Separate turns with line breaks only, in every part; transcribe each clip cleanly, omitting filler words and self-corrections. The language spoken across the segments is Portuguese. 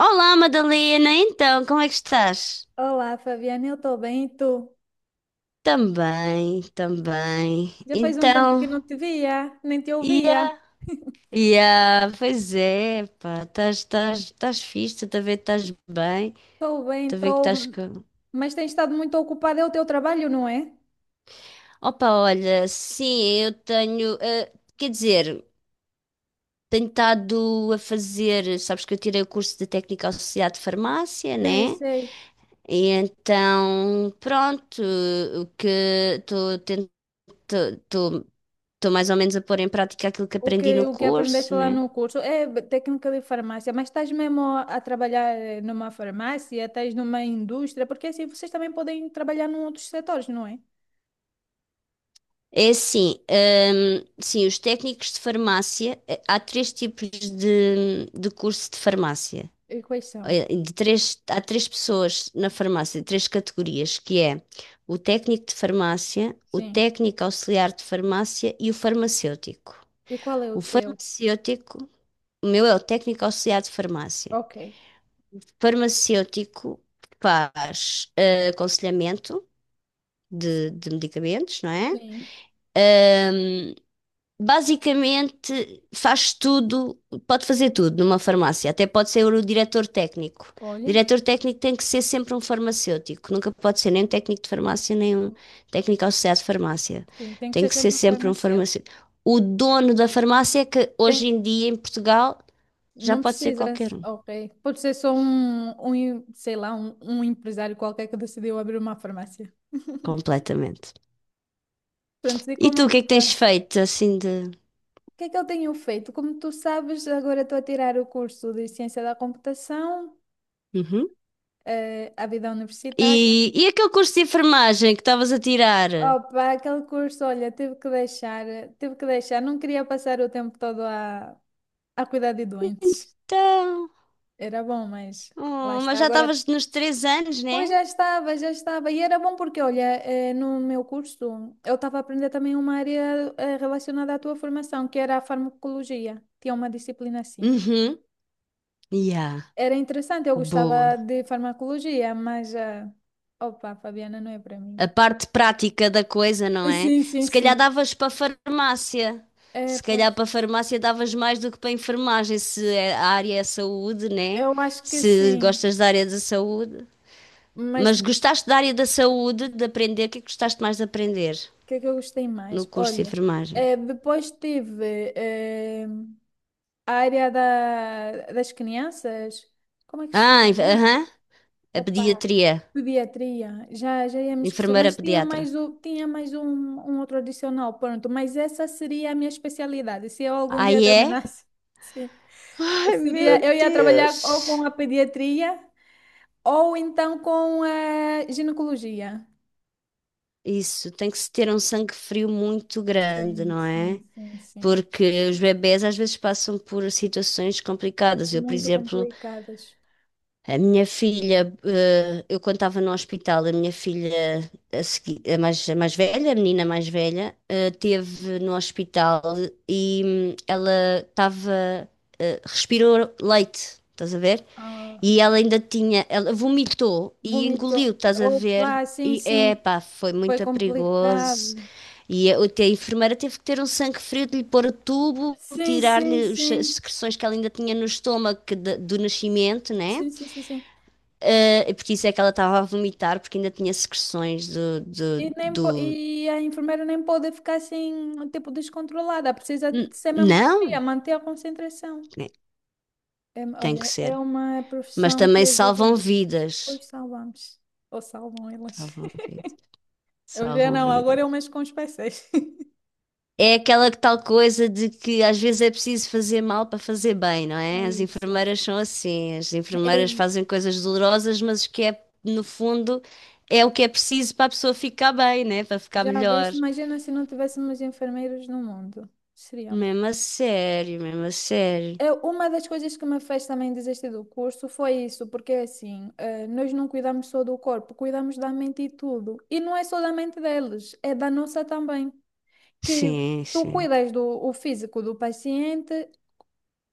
Olá, Madalena. Então, como é que estás?
Olá, Fabiana, eu estou bem, e tu?
Também, também.
Já faz um tempo que
Então,
não te via, nem te ouvia.
ia, pois é, pá, estás fixe, estou a ver que estás bem,
Estou bem,
estou a ver que
estou,
estás com...
mas tens estado muito ocupada, é o teu trabalho, não é?
Opa, olha, sim, eu tenho, quer dizer, tenho estado a fazer, sabes que eu tirei o curso de técnica associada de farmácia,
Sei,
né?
sei.
E então, pronto, o que estou tentando estou mais ou menos a pôr em prática aquilo que
O que,
aprendi no
o que aprendeste
curso,
lá
né?
no curso é técnica de farmácia, mas estás mesmo a trabalhar numa farmácia, estás numa indústria, porque assim vocês também podem trabalhar em outros setores, não é?
É assim, sim, os técnicos de farmácia, há três tipos de curso de farmácia.
E quais são?
Há três pessoas na farmácia, de três categorias, que é o técnico de farmácia, o
Sim.
técnico auxiliar de farmácia e o farmacêutico.
E qual é o
O
teu?
farmacêutico, o meu é o técnico auxiliar de farmácia.
Ok.
Farmacêutico faz aconselhamento de medicamentos, não é?
Sim.
Ahm, Basicamente faz tudo, pode fazer tudo numa farmácia, até pode ser o diretor técnico. O
Olha,
diretor técnico tem que ser sempre um farmacêutico, nunca pode ser nem um técnico de farmácia, nem um técnico associado de farmácia.
sim, tem que
Tem
ser
que ser
sempre
sempre um
farmacêutico.
farmacêutico. O dono da farmácia é que
Tem,
hoje em dia em Portugal já
não
pode ser
precisa,
qualquer um,
ok. Pode ser só um, sei lá, um empresário qualquer que decidiu abrir uma farmácia.
completamente.
Pronto, e
E tu,
como é
o que
que
é que
tá?
tens feito assim de.
O que é que ele tenho feito? Como tu sabes, agora estou a tirar o curso de Ciência da Computação,
Uhum.
a vida universitária.
E aquele curso de enfermagem que estavas a tirar?
Opa, aquele curso, olha, tive que deixar, tive que deixar. Não queria passar o tempo todo a cuidar de doentes.
Então,
Era bom, mas lá
oh,
está.
mas já
Agora
estavas nos 3 anos,
pois
né?
já estava, já estava. E era bom porque, olha, no meu curso eu estava a aprender também uma área relacionada à tua formação, que era a farmacologia. Tinha uma disciplina assim.
Uhum. Yeah,
Era interessante, eu gostava
boa.
de farmacologia, mas, opa, Fabiana, não é para mim.
A parte prática da coisa, não é?
Sim, sim,
Se calhar
sim.
davas para farmácia.
É,
Se
pois.
calhar para farmácia davas mais do que para enfermagem, se é- a área é saúde, né?
Eu acho que
Se
sim.
gostas da área da saúde.
Mas
Mas
o
gostaste da área da saúde, de aprender, o que é que gostaste mais de aprender
que é que eu gostei
no
mais?
curso de
Olha,
enfermagem?
depois tive a área da, das crianças. Como é que se
Ah,
chama mesmo?
aham, a
Opa,
pediatria.
pediatria, já, já ia me esquecer,
Enfermeira
mas tinha
pediatra.
mais, o, tinha mais um, um outro adicional, pronto, mas essa seria a minha especialidade, se eu algum dia
Aí é
terminasse, Sim.
Ai, meu
Seria, eu ia trabalhar ou com
Deus.
a pediatria ou então com a ginecologia.
Isso, tem que se ter um sangue frio muito grande,
Sim,
não
sim,
é?
sim, sim,
Porque os bebés às vezes passam por situações complicadas. Eu, por
muito
exemplo,
complicadas.
a minha filha, eu quando estava no hospital, a minha filha, a mais velha, a menina mais velha, teve no hospital e ela estava, respirou leite, estás a ver?
Ah,
E ela ainda tinha, ela vomitou e
vomito,
engoliu, estás a ver?
opa, sim,
E
sim,
epá, foi
foi
muito perigoso.
complicado.
E a enfermeira teve que ter um sangue frio de lhe pôr o tubo,
Sim, sim,
tirar-lhe as
sim,
secreções que ela ainda tinha no estômago que do nascimento, né?
sim, sim, sim, sim.
Porque isso é que ela estava a vomitar, porque ainda tinha secreções do-
E a enfermeira nem pode ficar assim, tipo, descontrolada. Precisa de ser mesmo fria,
Não,
manter a concentração.
né,
É,
tem que
olha, é
ser.
uma
Mas
profissão que
também
exige.
salvam vidas.
Pois salvamos. Ou salvam elas.
Salvam vidas.
Eu já
Salvam
não, agora eu
vidas.
mexo com os PCs.
É aquela que tal coisa de que às vezes é preciso fazer mal para fazer bem, não
É
é? As
isso.
enfermeiras são assim. As
É
enfermeiras
isso.
fazem coisas dolorosas, mas que é, no fundo, é o que é preciso para a pessoa ficar bem, né? Para ficar
Já
melhor.
viste? Imagina se não tivéssemos enfermeiros no mundo. Seria
Mesmo a sério, mesmo a sério.
Uma das coisas que me fez também desistir do curso foi isso, porque é assim, nós não cuidamos só do corpo, cuidamos da mente e tudo. E não é só da mente deles, é da nossa também. Que
Sim,
tu
sim.
cuidas do o físico do paciente,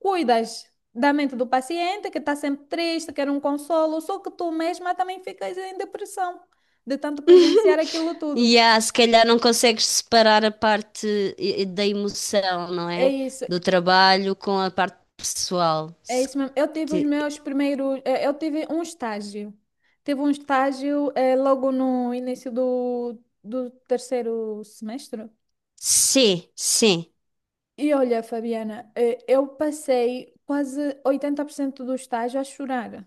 cuidas da mente do paciente, que está sempre triste, quer um consolo, só que tu mesma também ficas em depressão de tanto presenciar aquilo
E
tudo.
há, se calhar não consegues separar a parte da emoção, não
É
é?
isso.
Do trabalho com a parte pessoal.
É
Se
isso mesmo. Eu tive os
te-
meus primeiros. É, eu tive um estágio. Tive um estágio é, logo no início do, do terceiro semestre.
Sim, sim.
E olha, Fabiana, é, eu passei quase 80% do estágio a chorar.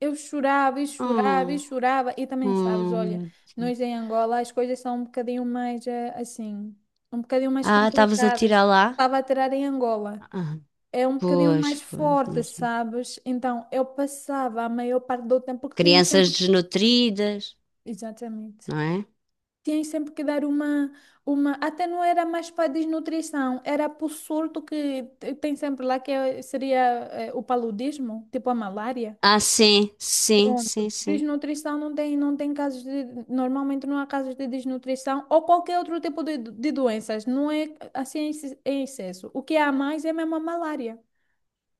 Eu chorava e chorava e
Hum,
chorava. E também sabes, olha,
Meu Deus.
nós em Angola as coisas são um bocadinho mais é, assim, um bocadinho mais
Ah, estavas a tirar
complicadas.
lá?
Estava a tirar em Angola.
Ah,
É um bocadinho
pois,
mais
pois,
forte,
imagino.
sabes? Então, eu passava a maior parte do tempo que tinha
Crianças
sempre.
desnutridas,
Exatamente.
não é?
Tinha sempre que dar uma, uma. Até não era mais para desnutrição, era para o surto tem sempre lá, seria o paludismo, tipo a malária.
Ah, sim, sim,
Pronto.
sim, sim.
Desnutrição não tem, não tem casos de. Normalmente não há casos de desnutrição ou qualquer outro tipo de doenças. Não é assim em excesso. O que há mais é mesmo a malária.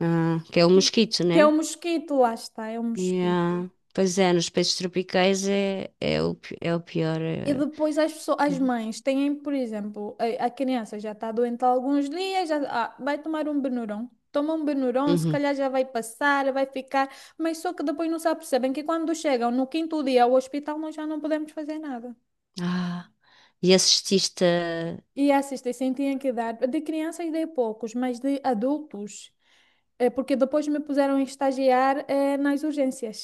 Ah, que é o
Sim,
mosquito,
que é
né?
o mosquito, lá está, é o mosquito.
Yeah. Pois é, nos países tropicais é, é o pior.
E depois as pessoas,
É,
as mães têm, por exemplo, a criança já está doente há alguns dias, já, ah, vai tomar um Benuron. Toma um Benuron, se
uhum.
calhar já vai passar, vai ficar, mas só que depois não se apercebem que quando chegam no quinto dia ao hospital nós já não podemos fazer nada.
Ah. E assististe a...
E a assistência tinha que dar, de crianças dei poucos, mas de adultos, porque depois me puseram a estagiar nas urgências.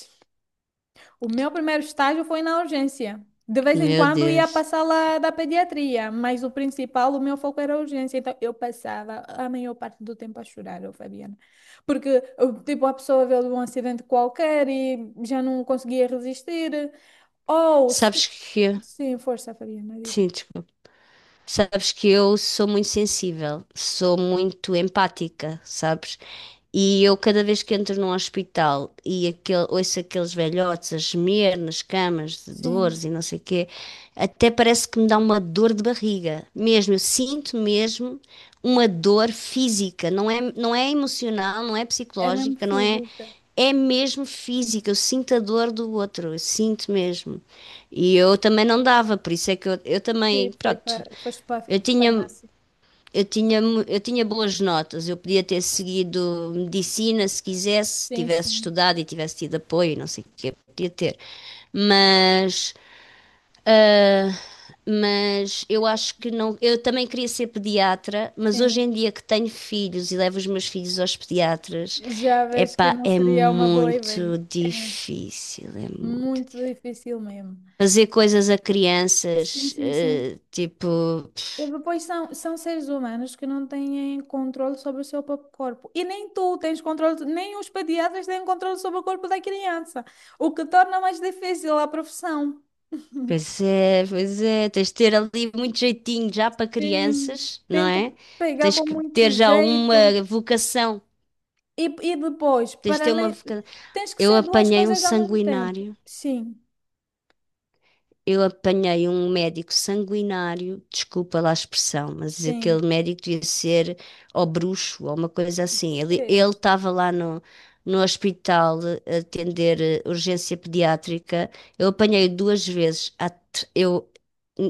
O meu primeiro estágio foi na urgência. De vez em
Meu
quando ia
Deus.
passar lá da pediatria, mas o principal, o meu foco era a urgência. Então eu passava a maior parte do tempo a chorar, eu, Fabiana. Porque, eu, tipo, a pessoa veio de um acidente qualquer e já não conseguia resistir. Ou, se-
Sabes que...
sim, força, Fabiana,
Sim,
diz-me.
desculpa. Sabes que eu sou muito sensível, sou muito empática, sabes? E eu, cada vez que entro num hospital ouço aqueles velhotes a gemer nas camas de
Sim,
dores e não sei o quê, até parece que me dá uma dor de barriga. Mesmo, eu sinto mesmo uma dor física, não é, não é emocional, não é
é mesmo
psicológica, não é.
física,
É mesmo física, eu sinto a dor do outro, eu sinto mesmo. E eu também não dava, por isso é que eu também, pronto.
foste para a
Eu tinha,
farmácia.
eu tinha boas notas, eu podia ter seguido medicina se quisesse,
Sim,
tivesse
sim,
estudado e tivesse tido apoio, não sei o que, podia ter. Mas, mas eu acho que não. Eu também queria ser pediatra, mas hoje
sim.
em dia que tenho filhos e levo os meus filhos aos pediatras,
Já vejo que
epá,
não
é
seria uma boa ideia.
muito
É
difícil, é muito
muito
difícil.
difícil mesmo.
Fazer coisas a
Sim,
crianças,
sim, sim.
tipo.
E depois são, são seres humanos que não têm controle sobre o seu próprio corpo. E nem tu tens controle, nem os pediatras têm controle sobre o corpo da criança, o que torna mais difícil a profissão.
Pois é, tens de ter ali muito jeitinho já para
Sim,
crianças, não
tem que
é?
pegar
Tens
com
que
muito
ter já
jeito.
uma vocação,
E, e depois,
tens de
para
ter uma
além,
vocação.
tens que
Eu
ser duas
apanhei um
coisas ao mesmo tempo.
sanguinário.
Sim,
Eu apanhei um médico sanguinário, desculpa lá a expressão, mas
sim.
aquele médico devia ser ou bruxo ou uma coisa assim. Ele
Deus,
estava lá no hospital a atender urgência pediátrica. Eu apanhei duas vezes. Eu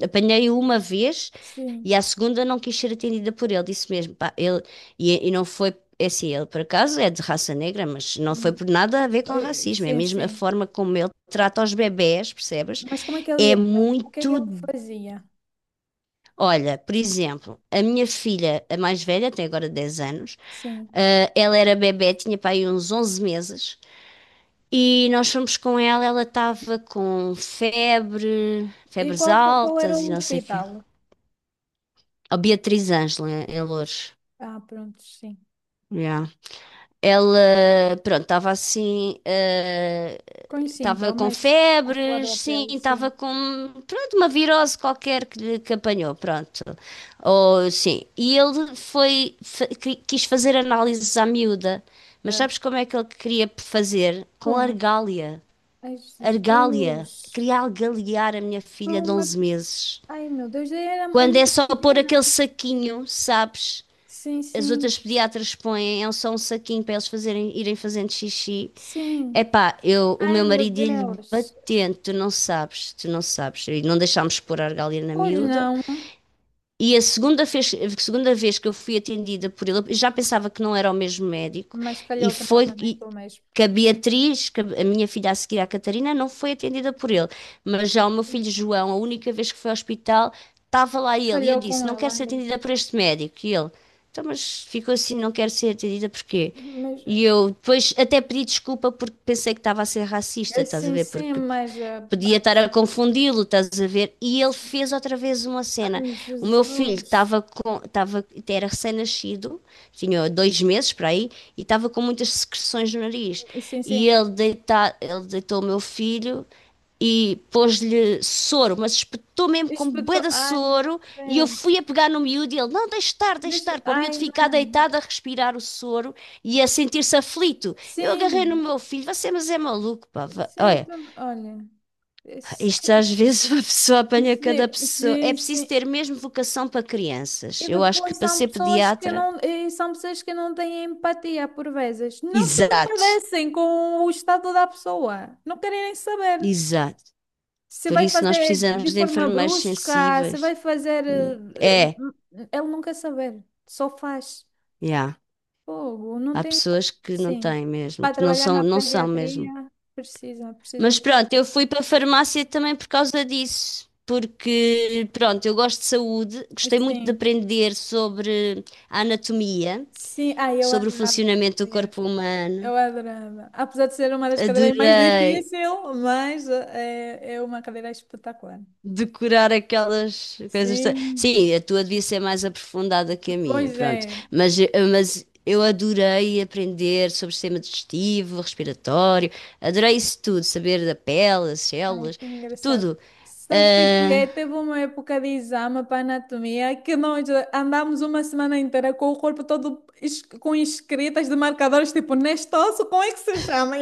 apanhei uma vez
sim.
e à segunda não quis ser atendida por ele, disse mesmo. Pá, e não foi, é assim, ele por acaso é de raça negra, mas não foi
Hum,
por nada a ver com racismo, é
sim,
mesmo a
sim.
forma como ele trata os bebés, percebes?
Mas como é que ele
É
era? O que é que
muito.
ele fazia?
Olha, por exemplo, a minha filha, a mais velha, tem agora 10 anos,
Sim.
ah, ela era bebé, tinha para aí uns 11 meses, e nós fomos com ela, ela estava com febre,
E
febres
qual, qual era
altas e
o
não sei o quê.
hospital?
A Beatriz Ângela, em Loures.
Ah, pronto, sim.
Yeah. Ela, pronto, estava assim, ah,
Com os
estava com
sintomas, a flor
febres,
da
sim,
pele, sim.
estava com, pronto, uma virose qualquer que, que apanhou, pronto. Ou, sim, e ele quis fazer análises à miúda, mas
É.
sabes como é que ele queria fazer? Com
Como?
argália,
Ai,
argália,
Jesus.
queria algaliar a minha
Foi
filha de
uma...
11 meses.
Ai, meu Deus, era, é
Quando é
muito
só pôr
pequenina.
aquele saquinho, sabes?
Sim,
As outras
sim,
pediatras põem, é só um saquinho para eles fazerem, irem fazendo xixi.
sim.
Epá, o
Ai,
meu
meu
marido ia-lhe
Deus.
batendo, tu não sabes, tu não sabes. E não deixámos pôr a argália na
Pois
miúda,
não,
e a segunda vez que eu fui atendida por ele, eu já pensava que não era o mesmo médico,
mas
e
calhou-te
foi e
novamente o mesmo.
que a Beatriz, que a minha filha a seguir, a Catarina, não foi atendida por ele. Mas já o meu filho
Sim.
João, a única vez que foi ao hospital, estava lá ele. E eu
Calhou
disse:
com
não
ela.
quero ser
Ai.
atendida por este médico. E ele: então, mas ficou assim, não quero ser atendida porquê?
Mas,
E eu depois até pedi desculpa porque pensei que estava a ser racista, estás a
sim,
ver?
sim,
Porque
mas...
podia
pá,
estar a confundi-lo, estás a ver? E ele
sim.
fez outra vez uma cena.
Ai,
O meu filho
Jesus.
era recém-nascido, tinha 2 meses para aí, e estava com muitas secreções no nariz.
Sim,
E
sim.
ele, ele deitou o meu filho e pôs-lhe soro, mas espetou mesmo com bué
Espetou.
de
Ai, meu
soro e eu fui a
Deus.
pegar no miúdo e ele, não, deixe
Deixa.
estar, para o miúdo
Ai,
ficar
não.
deitado a respirar o soro e a sentir-se aflito. Eu agarrei no
Sim,
meu filho, você mas é maluco, pá,
sim,
olha,
olha. es-
isto às vezes uma pessoa apanha cada
Sim,
pessoa. É
sim,
preciso
sim.
ter mesmo vocação para
E
crianças. Eu acho que
depois
para
são
ser
pessoas que
pediatra,
não, e são pessoas que não têm empatia por vezes. Não se
exato,
compadecem com o estado da pessoa. Não querem nem saber
exato.
se
Por
vai
isso nós
fazer de
precisamos de
forma
enfermeiros
brusca, se
sensíveis.
vai fazer.
É,
Ele não quer saber. Só faz.
yeah.
Fogo, não
Há
tem.
pessoas que não
Sim.
têm mesmo,
Para
que não
trabalhar
são,
na
não são mesmo.
pediatria, precisa,
Mas
precisa.
pronto, eu fui para a farmácia também por causa disso. Porque, pronto, eu gosto de saúde, gostei muito de
Sim.
aprender sobre a anatomia,
Sim. Ai, eu
sobre o
adorava.
funcionamento do
É,
corpo humano.
eu adorava. Apesar de ser uma das cadeiras mais
Adorei
difícil mas é, é uma cadeira espetacular.
decorar aquelas coisas.
Sim.
Sim, a tua devia ser mais aprofundada que a minha,
Pois
pronto.
é.
Mas, mas eu adorei aprender sobre sistema digestivo, respiratório, adorei isso tudo, saber da pele, as
Ai,
células,
que engraçado.
tudo.
Sabes o que é?
Ah,
Teve uma época de exame para anatomia que nós andámos uma semana inteira com o corpo todo com escritas de marcadores, tipo, neste osso, como é que se chama?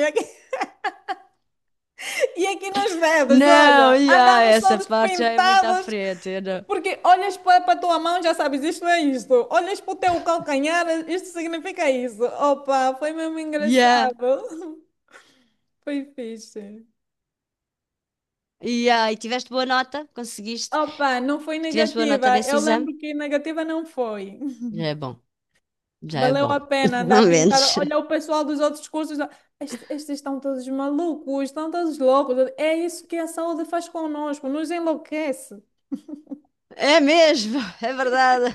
E aqui nas vedas,
não,
olha,
yeah,
andamos
essa
todos
parte já é muito à
pintados,
frente, eu não.
porque olhas para a tua mão já sabes, isto é isto. Olhas para o teu calcanhar, isto significa isso. Opa, foi mesmo
Yeah,
engraçado. Foi fixe.
yeah. E tiveste boa nota? Conseguiste?
Opa, não foi
Tiveste boa nota
negativa.
nesse
Eu
exame?
lembro que negativa não foi.
Já é bom, já é
Valeu
bom.
a pena andar
Pelo
pintada.
menos.
Olha o pessoal dos outros cursos. Ó, estes, estes estão todos malucos, estão todos loucos. É isso que a saúde faz conosco, nos enlouquece.
É mesmo, é verdade.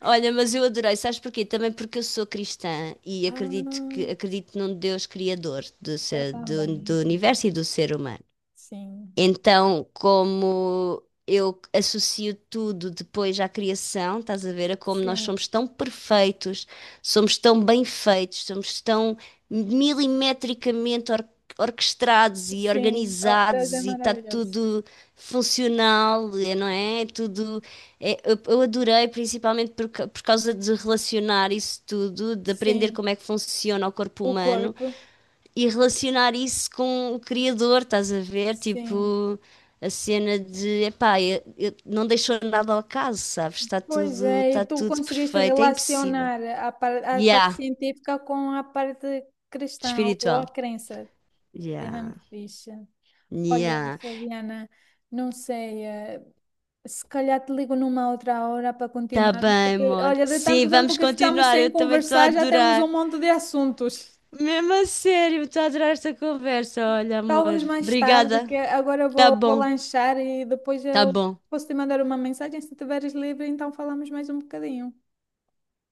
Olha, mas eu adorei, sabes porquê? Também porque eu sou cristã e acredito que
Ah,
acredito num Deus criador
eu também, eu
do
também.
universo e do ser humano.
Sim,
Então, como eu associo tudo depois à criação, estás a ver? A como nós
sim,
somos tão perfeitos, somos tão bem feitos, somos tão milimetricamente orquestrados e
sim. Ah, Deus é
organizados e está
maravilhoso.
tudo funcional, é, não é? É tudo. Eu adorei, principalmente por causa de relacionar isso tudo, de aprender
Sim,
como é que funciona o corpo
o
humano
corpo,
e relacionar isso com o criador, estás a ver?
sim.
Tipo, a cena de, epá, não deixou nada ao acaso, sabes?
Pois é, e
Está
tu
tudo
conseguiste
perfeito, é impossível.
relacionar a, a parte
Yeah,
científica com a parte cristã ou a
espiritual.
crença. É mesmo
Yeah,
fixe. Olha,
yeah.
Fabiana, não sei, se calhar te ligo numa outra hora para
Tá
continuarmos,
bem,
porque
amor.
olha, de
Sim,
tanto tempo
vamos
que ficamos
continuar, eu
sem
também estou a
conversar, já temos um
adorar.
monte de assuntos.
Mesmo a sério, estou a adorar esta conversa, olha, amor.
Talvez mais tarde,
Obrigada.
que agora eu
Tá
vou, vou
bom,
lanchar e depois
tá
eu
bom.
posso te mandar uma mensagem. Se estiveres livre, então falamos mais um bocadinho.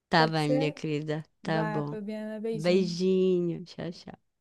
Tá
Pode
bem, minha
ser?
querida. Tá
Vá,
bom.
Fabiana, beijinho.
Beijinho. Tchau, tchau.